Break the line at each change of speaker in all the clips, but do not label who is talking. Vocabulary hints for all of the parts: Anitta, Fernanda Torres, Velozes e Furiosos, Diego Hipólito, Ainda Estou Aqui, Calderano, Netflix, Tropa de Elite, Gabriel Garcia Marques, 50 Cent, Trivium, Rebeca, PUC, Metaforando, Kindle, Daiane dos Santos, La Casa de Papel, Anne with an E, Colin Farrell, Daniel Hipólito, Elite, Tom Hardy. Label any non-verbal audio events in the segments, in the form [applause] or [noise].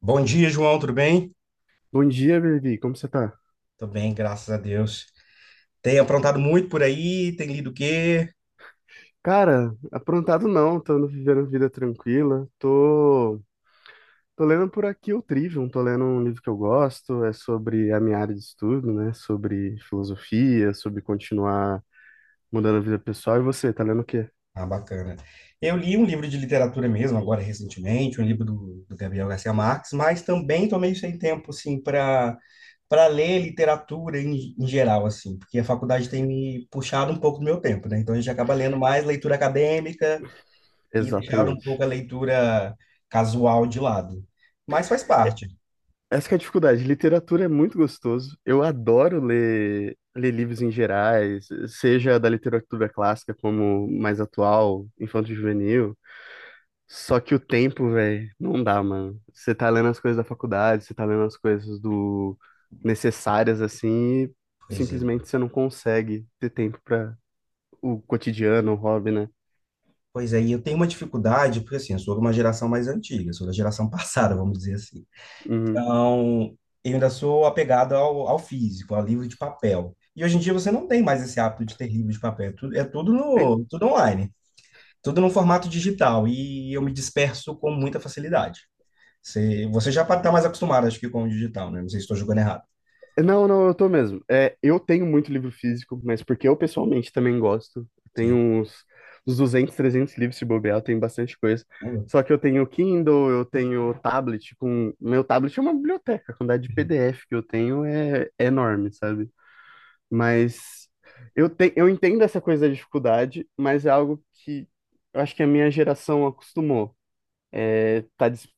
Bom dia, João, tudo bem?
Bom dia, Levi. Como você tá?
Tô bem, graças a Deus. Tem aprontado muito por aí? Tem lido o quê?
Cara, aprontado não, tô vivendo vida tranquila. Tô lendo por aqui o Trivium, tô lendo um livro que eu gosto, é sobre a minha área de estudo, né? Sobre filosofia, sobre continuar mudando a vida pessoal. E você, tá lendo o quê?
Ah, bacana. Eu li um livro de literatura mesmo, agora recentemente, um livro do Gabriel Garcia Marques, mas também tô meio sem tempo, assim, para ler literatura em geral, assim, porque a faculdade tem me puxado um pouco do meu tempo, né? Então a gente acaba lendo mais leitura acadêmica e deixado um
Exatamente.
pouco a leitura casual de lado. Mas faz parte.
Essa que é a dificuldade. Literatura é muito gostoso. Eu adoro ler livros em gerais, seja da literatura clássica como mais atual, infanto-juvenil. Só que o tempo, velho, não dá, mano. Você tá lendo as coisas da faculdade, você tá lendo as coisas do necessárias assim, e
Pois é.
simplesmente você não consegue ter tempo pra o cotidiano, o hobby, né?
Pois é, e eu tenho uma dificuldade, porque assim, eu sou de uma geração mais antiga, sou da geração [laughs] passada,
Uhum.
vamos dizer assim.
Uhum.
Então, eu ainda sou apegado ao físico, ao livro de papel. E hoje em dia você não tem mais esse hábito de ter livro de papel, é tudo,
Eu-
tudo online, tudo no formato digital, e eu me disperso com muita facilidade. Você já está mais acostumado, acho que, com o digital, né? Não sei se estou julgando errado.
Não, não, eu tô mesmo. É, eu tenho muito livro físico, mas porque eu pessoalmente também gosto. Tenho
Sim.
uns 200, 300 livros se bobear, eu tenho bastante coisa.
Hum.
Só que eu tenho Kindle, eu tenho tablet com... Meu tablet é uma biblioteca, a quantidade de PDF que eu tenho é enorme, sabe? Mas eu entendo essa coisa da dificuldade, mas é algo que eu acho que a minha geração acostumou. É,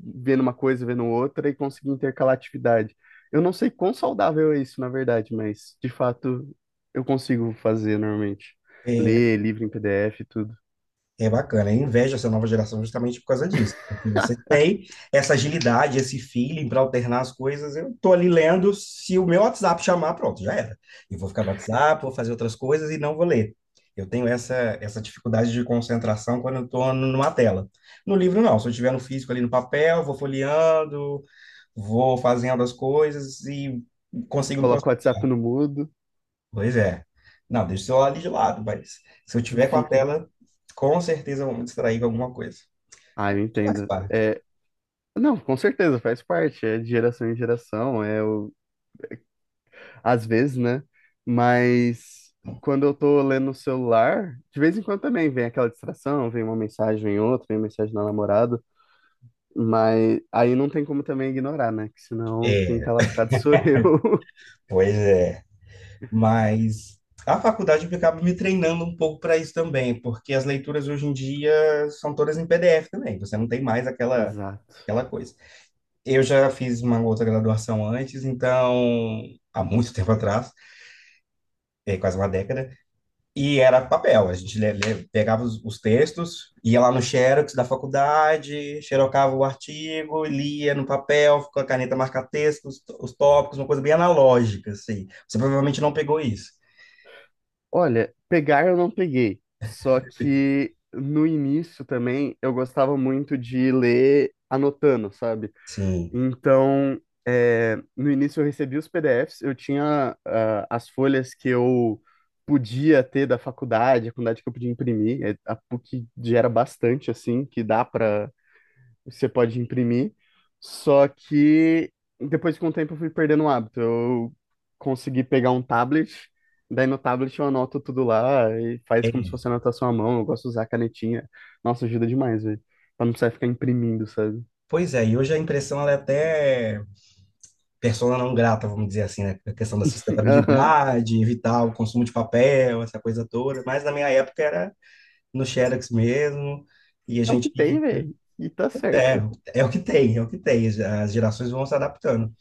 vendo uma coisa, vendo outra e conseguir intercalar atividade. Eu não sei quão saudável é isso, na verdade, mas de fato eu consigo fazer normalmente. Ler livro em PDF e tudo.
É bacana, eu invejo essa nova geração justamente por causa disso. Porque você tem essa agilidade, esse feeling para alternar as coisas. Eu tô ali lendo, se o meu WhatsApp chamar, pronto, já era. Eu vou ficar no WhatsApp, vou fazer outras coisas e não vou ler. Eu tenho essa, essa dificuldade de concentração quando eu estou numa tela. No livro, não. Se eu estiver no físico ali no papel, vou folheando, vou fazendo as coisas e consigo me
Coloco o
concentrar.
WhatsApp no mudo,
Pois é. Não, deixa o celular ali de lado, mas se eu tiver com a
enfim.
tela, com certeza eu vou me distrair com alguma coisa.
Ah, eu
Faz
entendo.
parte.
É, não, com certeza, faz parte. É de geração em geração, às vezes, né? Mas quando eu tô lendo no celular, de vez em quando também vem aquela distração, vem uma mensagem em outra, vem uma mensagem na namorada, mas aí não tem como também ignorar, né? Que senão quem tá lascado sou eu.
Pois é. Mas a faculdade acaba me treinando um pouco para isso também, porque as leituras hoje em dia são todas em PDF também, você não tem mais
[laughs]
aquela,
Exato.
aquela coisa. Eu já fiz uma outra graduação antes, então, há muito tempo atrás, é, quase uma década. E era papel, a gente pegava os textos, ia lá no Xerox da faculdade, xerocava o artigo, lia no papel, com a caneta marca-texto, os tópicos, uma coisa bem analógica, assim. Você provavelmente não pegou isso.
Olha, pegar eu não peguei, só que no início também eu gostava muito de ler anotando, sabe?
Sim.
Então, é, no início eu recebi os PDFs, eu tinha as folhas que eu podia ter da faculdade, a quantidade que eu podia imprimir. É, a PUC gera bastante, assim, que dá para você pode imprimir. Só que depois com o tempo eu fui perdendo o hábito. Eu consegui pegar um tablet, daí no tablet eu anoto tudo lá e faz como se
É.
fosse anotação à mão. Eu gosto de usar a canetinha. Nossa, ajuda demais, velho. Pra não precisar ficar imprimindo, sabe?
Pois é, e hoje a impressão ela é até persona não grata, vamos dizer assim, né? A questão da
[laughs] Aham.
sustentabilidade, evitar o consumo de papel, essa coisa toda. Mas na minha época era no Xerox mesmo, e a
É o que
gente
tem,
ia.
velho. E tá
É,
certo.
é o que tem, é o que tem. As gerações vão se adaptando.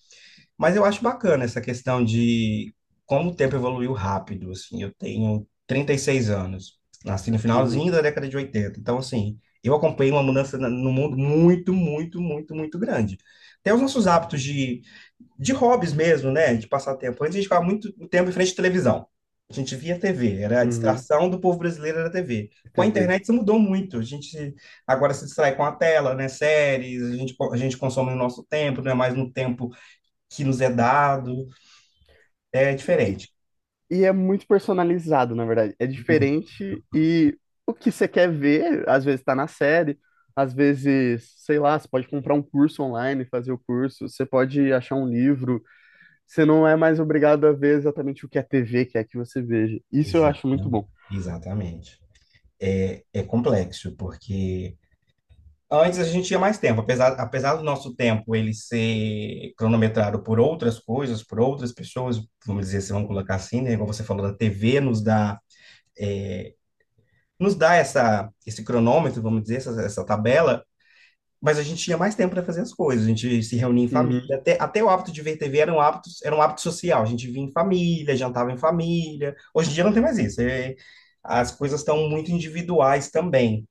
Mas eu acho bacana essa questão de como o tempo evoluiu rápido, assim, eu tenho 36 anos, nasci no
Uhum,
finalzinho da década de oitenta, então, assim, eu acompanhei uma mudança no mundo muito, muito, muito, muito grande. Até os nossos hábitos de hobbies mesmo, né, de passar tempo. Antes a gente ficava muito tempo em frente à televisão, a gente via TV, era a
uhum.
distração do povo brasileiro, era a TV. Com
Você
a
vê.
internet isso mudou muito, a gente agora se distrai com a tela, né, séries, a gente consome no nosso tempo, não é mais no tempo que nos é dado, é
E,
diferente.
e é muito personalizado, na verdade. É diferente e o que você quer ver, às vezes tá na série, às vezes, sei lá, você pode comprar um curso online, fazer o curso, você pode achar um livro. Você não é mais obrigado a ver exatamente o que a TV quer que você veja. Isso eu acho muito
Exatamente.
bom.
Exatamente. É, é complexo, porque antes a gente tinha mais tempo, apesar do nosso tempo ele ser cronometrado por outras coisas, por outras pessoas, vamos dizer, se vamos colocar assim, né? Igual você falou, a TV nos dá, é, nos dá esse cronômetro, vamos dizer, essa tabela. Mas a gente tinha mais tempo para fazer as coisas, a gente se reunia em família,
Uhum.
até o hábito de ver TV era um hábito social, a gente vinha em família, jantava em família. Hoje em dia não tem mais isso, as coisas estão muito individuais também.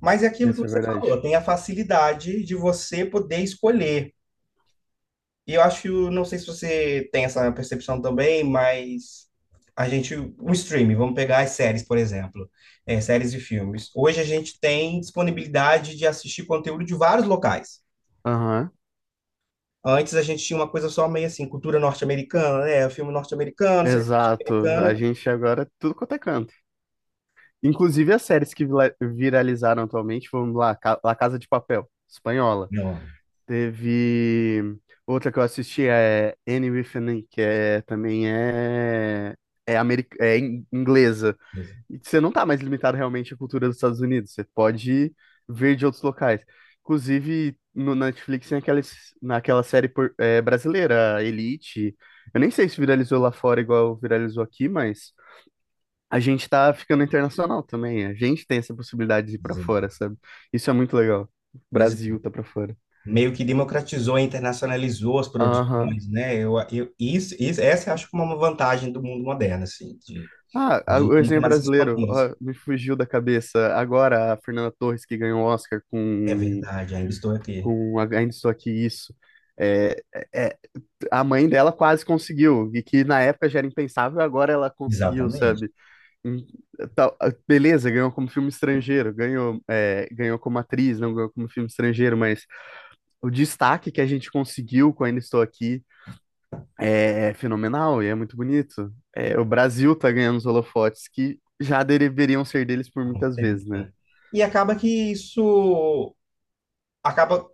Mas é aquilo que
Essa é
você
verdade.
falou, tem a facilidade de você poder escolher. E eu acho, não sei se você tem essa percepção também, mas a gente, o streaming, vamos pegar as séries, por exemplo, é, séries e filmes. Hoje a gente tem disponibilidade de assistir conteúdo de vários locais.
Aham,
Antes a gente tinha uma coisa só meio assim, cultura norte-americana, né? Filme norte-americano, série
exato. A
norte-americana.
gente agora é tudo quanto é canto. Inclusive as séries que viralizaram atualmente, vamos lá, La Casa de Papel, espanhola.
Não,
Teve outra que eu assisti é Anne with an E, que é, também é, é inglesa.
ex-
E você não tá mais limitado realmente à cultura dos Estados Unidos, você pode ver de outros locais. Inclusive no Netflix tem naquela série brasileira, Elite. Eu nem sei se viralizou lá fora igual viralizou aqui, mas a gente tá ficando internacional também. A gente tem essa possibilidade de ir pra fora,
ex-
sabe? Isso é muito legal. O
pois
Brasil tá pra fora.
meio que democratizou e internacionalizou as
Aham.
produções, né? Isso, essa eu acho que é uma vantagem do mundo moderno, assim, de
Ah,
a
o
gente não tem
exemplo
mais essas
brasileiro,
fronteiras.
ó, me fugiu da cabeça. Agora, a Fernanda Torres, que ganhou o Oscar
É
com,
verdade, ainda estou aqui.
com Ainda Estou Aqui, isso. É, é- a mãe dela quase conseguiu, e que na época já era impensável, agora ela conseguiu,
Exatamente.
sabe? Hum, Beleza, ganhou como filme estrangeiro, ganhou como atriz, não ganhou como filme estrangeiro, mas o destaque que a gente conseguiu com Ainda Estou Aqui é fenomenal e é muito bonito. É, o Brasil tá ganhando os holofotes que já deveriam ser deles por
Há muito
muitas
tempo,
vezes, né?
né? E acaba que isso acaba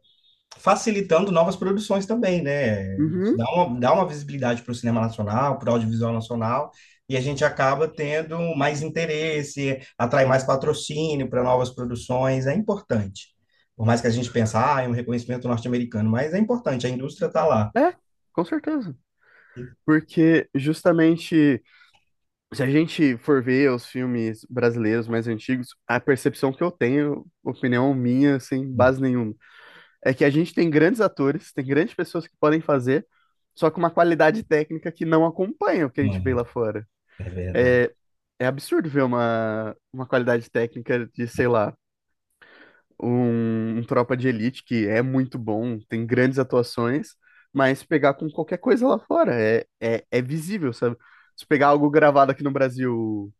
facilitando novas produções também, né? Isso dá
Uhum.
dá uma visibilidade para o cinema nacional, para o audiovisual nacional, e a gente acaba tendo mais interesse, atrai mais patrocínio para novas produções, é importante. Por mais que a gente pense, ah, é um reconhecimento norte-americano, mas é importante, a indústria está lá.
É, com certeza. Porque justamente se a gente for ver os filmes brasileiros mais antigos, a percepção que eu tenho, opinião minha, sem base nenhuma, é que a gente tem grandes atores, tem grandes pessoas que podem fazer, só com uma qualidade técnica que não acompanha o que a gente vê lá
Mano,
fora.
é verdade.
É, é absurdo ver uma, qualidade técnica de, sei lá, um Tropa de Elite que é muito bom, tem grandes atuações, mas pegar com qualquer coisa lá fora é visível, sabe? Se pegar algo gravado aqui no Brasil,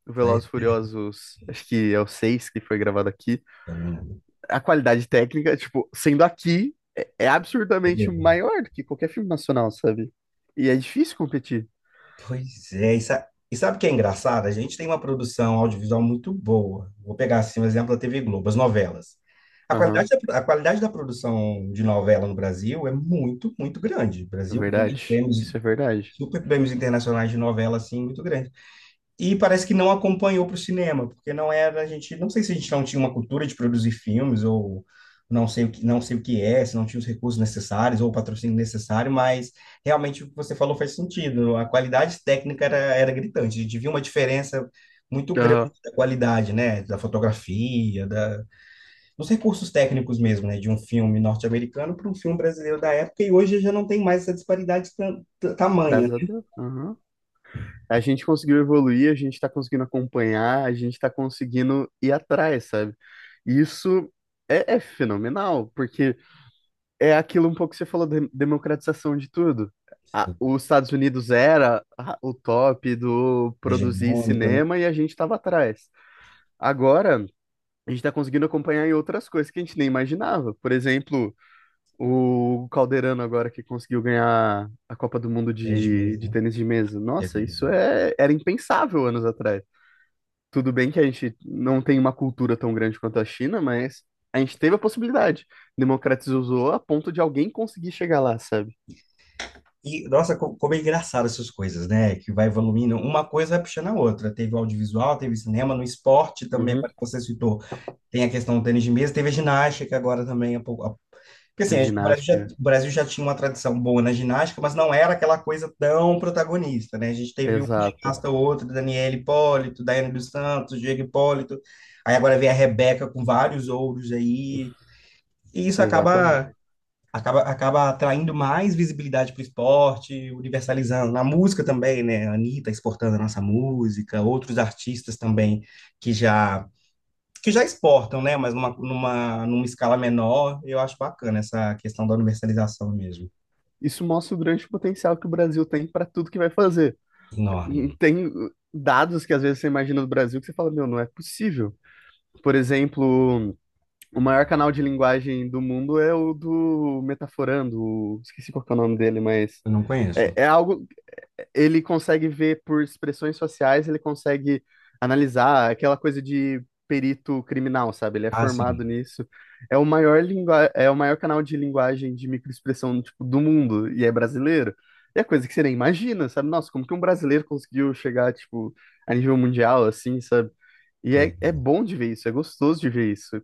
o
Foi,
Velozes e Furiosos, acho que é o 6 que foi gravado aqui,
eu não
a qualidade técnica, tipo, sendo aqui, é absurdamente
lembro.
maior do que qualquer filme nacional, sabe? E é difícil competir.
Pois é, e sabe o que é engraçado? A gente tem uma produção audiovisual muito boa. Vou pegar assim um exemplo da TV Globo, as novelas.
Aham,
A qualidade da produção de novela no Brasil é muito, muito grande. O
é
Brasil ganha
verdade.
prêmios,
Isso é verdade.
super prêmios internacionais de novela, assim, muito grande. E parece que não acompanhou para o cinema, porque não era a gente, não sei se a gente não tinha uma cultura de produzir filmes ou não sei o que, não sei o que é, se não tinha os recursos necessários ou o patrocínio necessário, mas realmente o que você falou faz sentido. A qualidade técnica era, era gritante. A gente viu uma diferença muito grande
Aham.
da qualidade, né, da fotografia, dos recursos técnicos mesmo, né, de um filme norte-americano para um filme brasileiro da época. E hoje já não tem mais essa disparidade tamanha,
Graças a
né?
Deus. Aham. A gente conseguiu evoluir, a gente está conseguindo acompanhar, a gente está conseguindo ir atrás, sabe? Isso é fenomenal, porque é aquilo um pouco que você falou, de democratização de tudo. Os Estados Unidos era o top do produzir
Hegemônico, né?
cinema e a gente estava atrás. Agora, a gente está conseguindo acompanhar em outras coisas que a gente nem imaginava. Por exemplo, o Calderano agora que conseguiu ganhar a Copa do Mundo
Desde
de,
mesmo,
de
né?
tênis de mesa.
É
Nossa, isso
verdade.
era impensável anos atrás. Tudo bem que a gente não tem uma cultura tão grande quanto a China, mas a gente teve a possibilidade. Democratizou a ponto de alguém conseguir chegar lá, sabe?
E, nossa, como é engraçado essas coisas, né? Que vai evoluindo, uma coisa vai puxando a outra. Teve o audiovisual, teve cinema, no esporte também,
Uhum.
agora que você citou, tem a questão do tênis de mesa, teve a ginástica agora também. Porque assim,
Teve ginástica.
o Brasil já tinha uma tradição boa na ginástica, mas não era aquela coisa tão protagonista, né? A gente teve um
Exato,
ginasta ou outro, Daniel Hipólito, Daiane dos Santos, Diego Hipólito, aí agora vem a Rebeca com vários ouros aí, e isso
exatamente.
acaba atraindo mais visibilidade para o esporte, universalizando. Na música também, né? A Anitta exportando a nossa música, outros artistas também que já que já exportam, né? Mas numa escala menor, eu acho bacana essa questão da universalização mesmo.
Isso mostra o grande potencial que o Brasil tem para tudo que vai fazer.
Enorme.
E tem dados que às vezes você imagina do Brasil que você fala, meu, não é possível. Por exemplo. O maior canal de linguagem do mundo é o do Metaforando, esqueci qual que é o nome dele, mas
Eu não conheço.
é algo ele consegue ver por expressões sociais, ele consegue analisar aquela coisa de perito criminal, sabe? Ele é
Ah, sim.
formado nisso. É o maior canal de linguagem de microexpressão, tipo, do mundo e é brasileiro. E é coisa que você nem imagina, sabe? Nossa, como que um brasileiro conseguiu chegar, tipo, a nível mundial, assim, sabe? E
Pois.
é, é bom de ver isso, é gostoso de ver isso.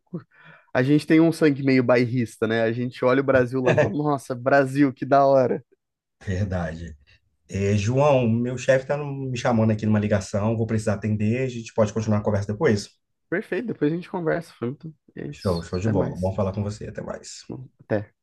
A gente tem um sangue meio bairrista, né? A gente olha o Brasil lá e fala,
[laughs]
nossa, Brasil, que da hora.
Verdade. É, João, meu chefe está me chamando aqui numa ligação, vou precisar atender, a gente pode continuar a conversa depois?
Perfeito, depois a gente conversa. Foi muito... É
Show,
isso.
show de
Até
bola. Bom
mais.
falar com você, até mais.
Bom, até.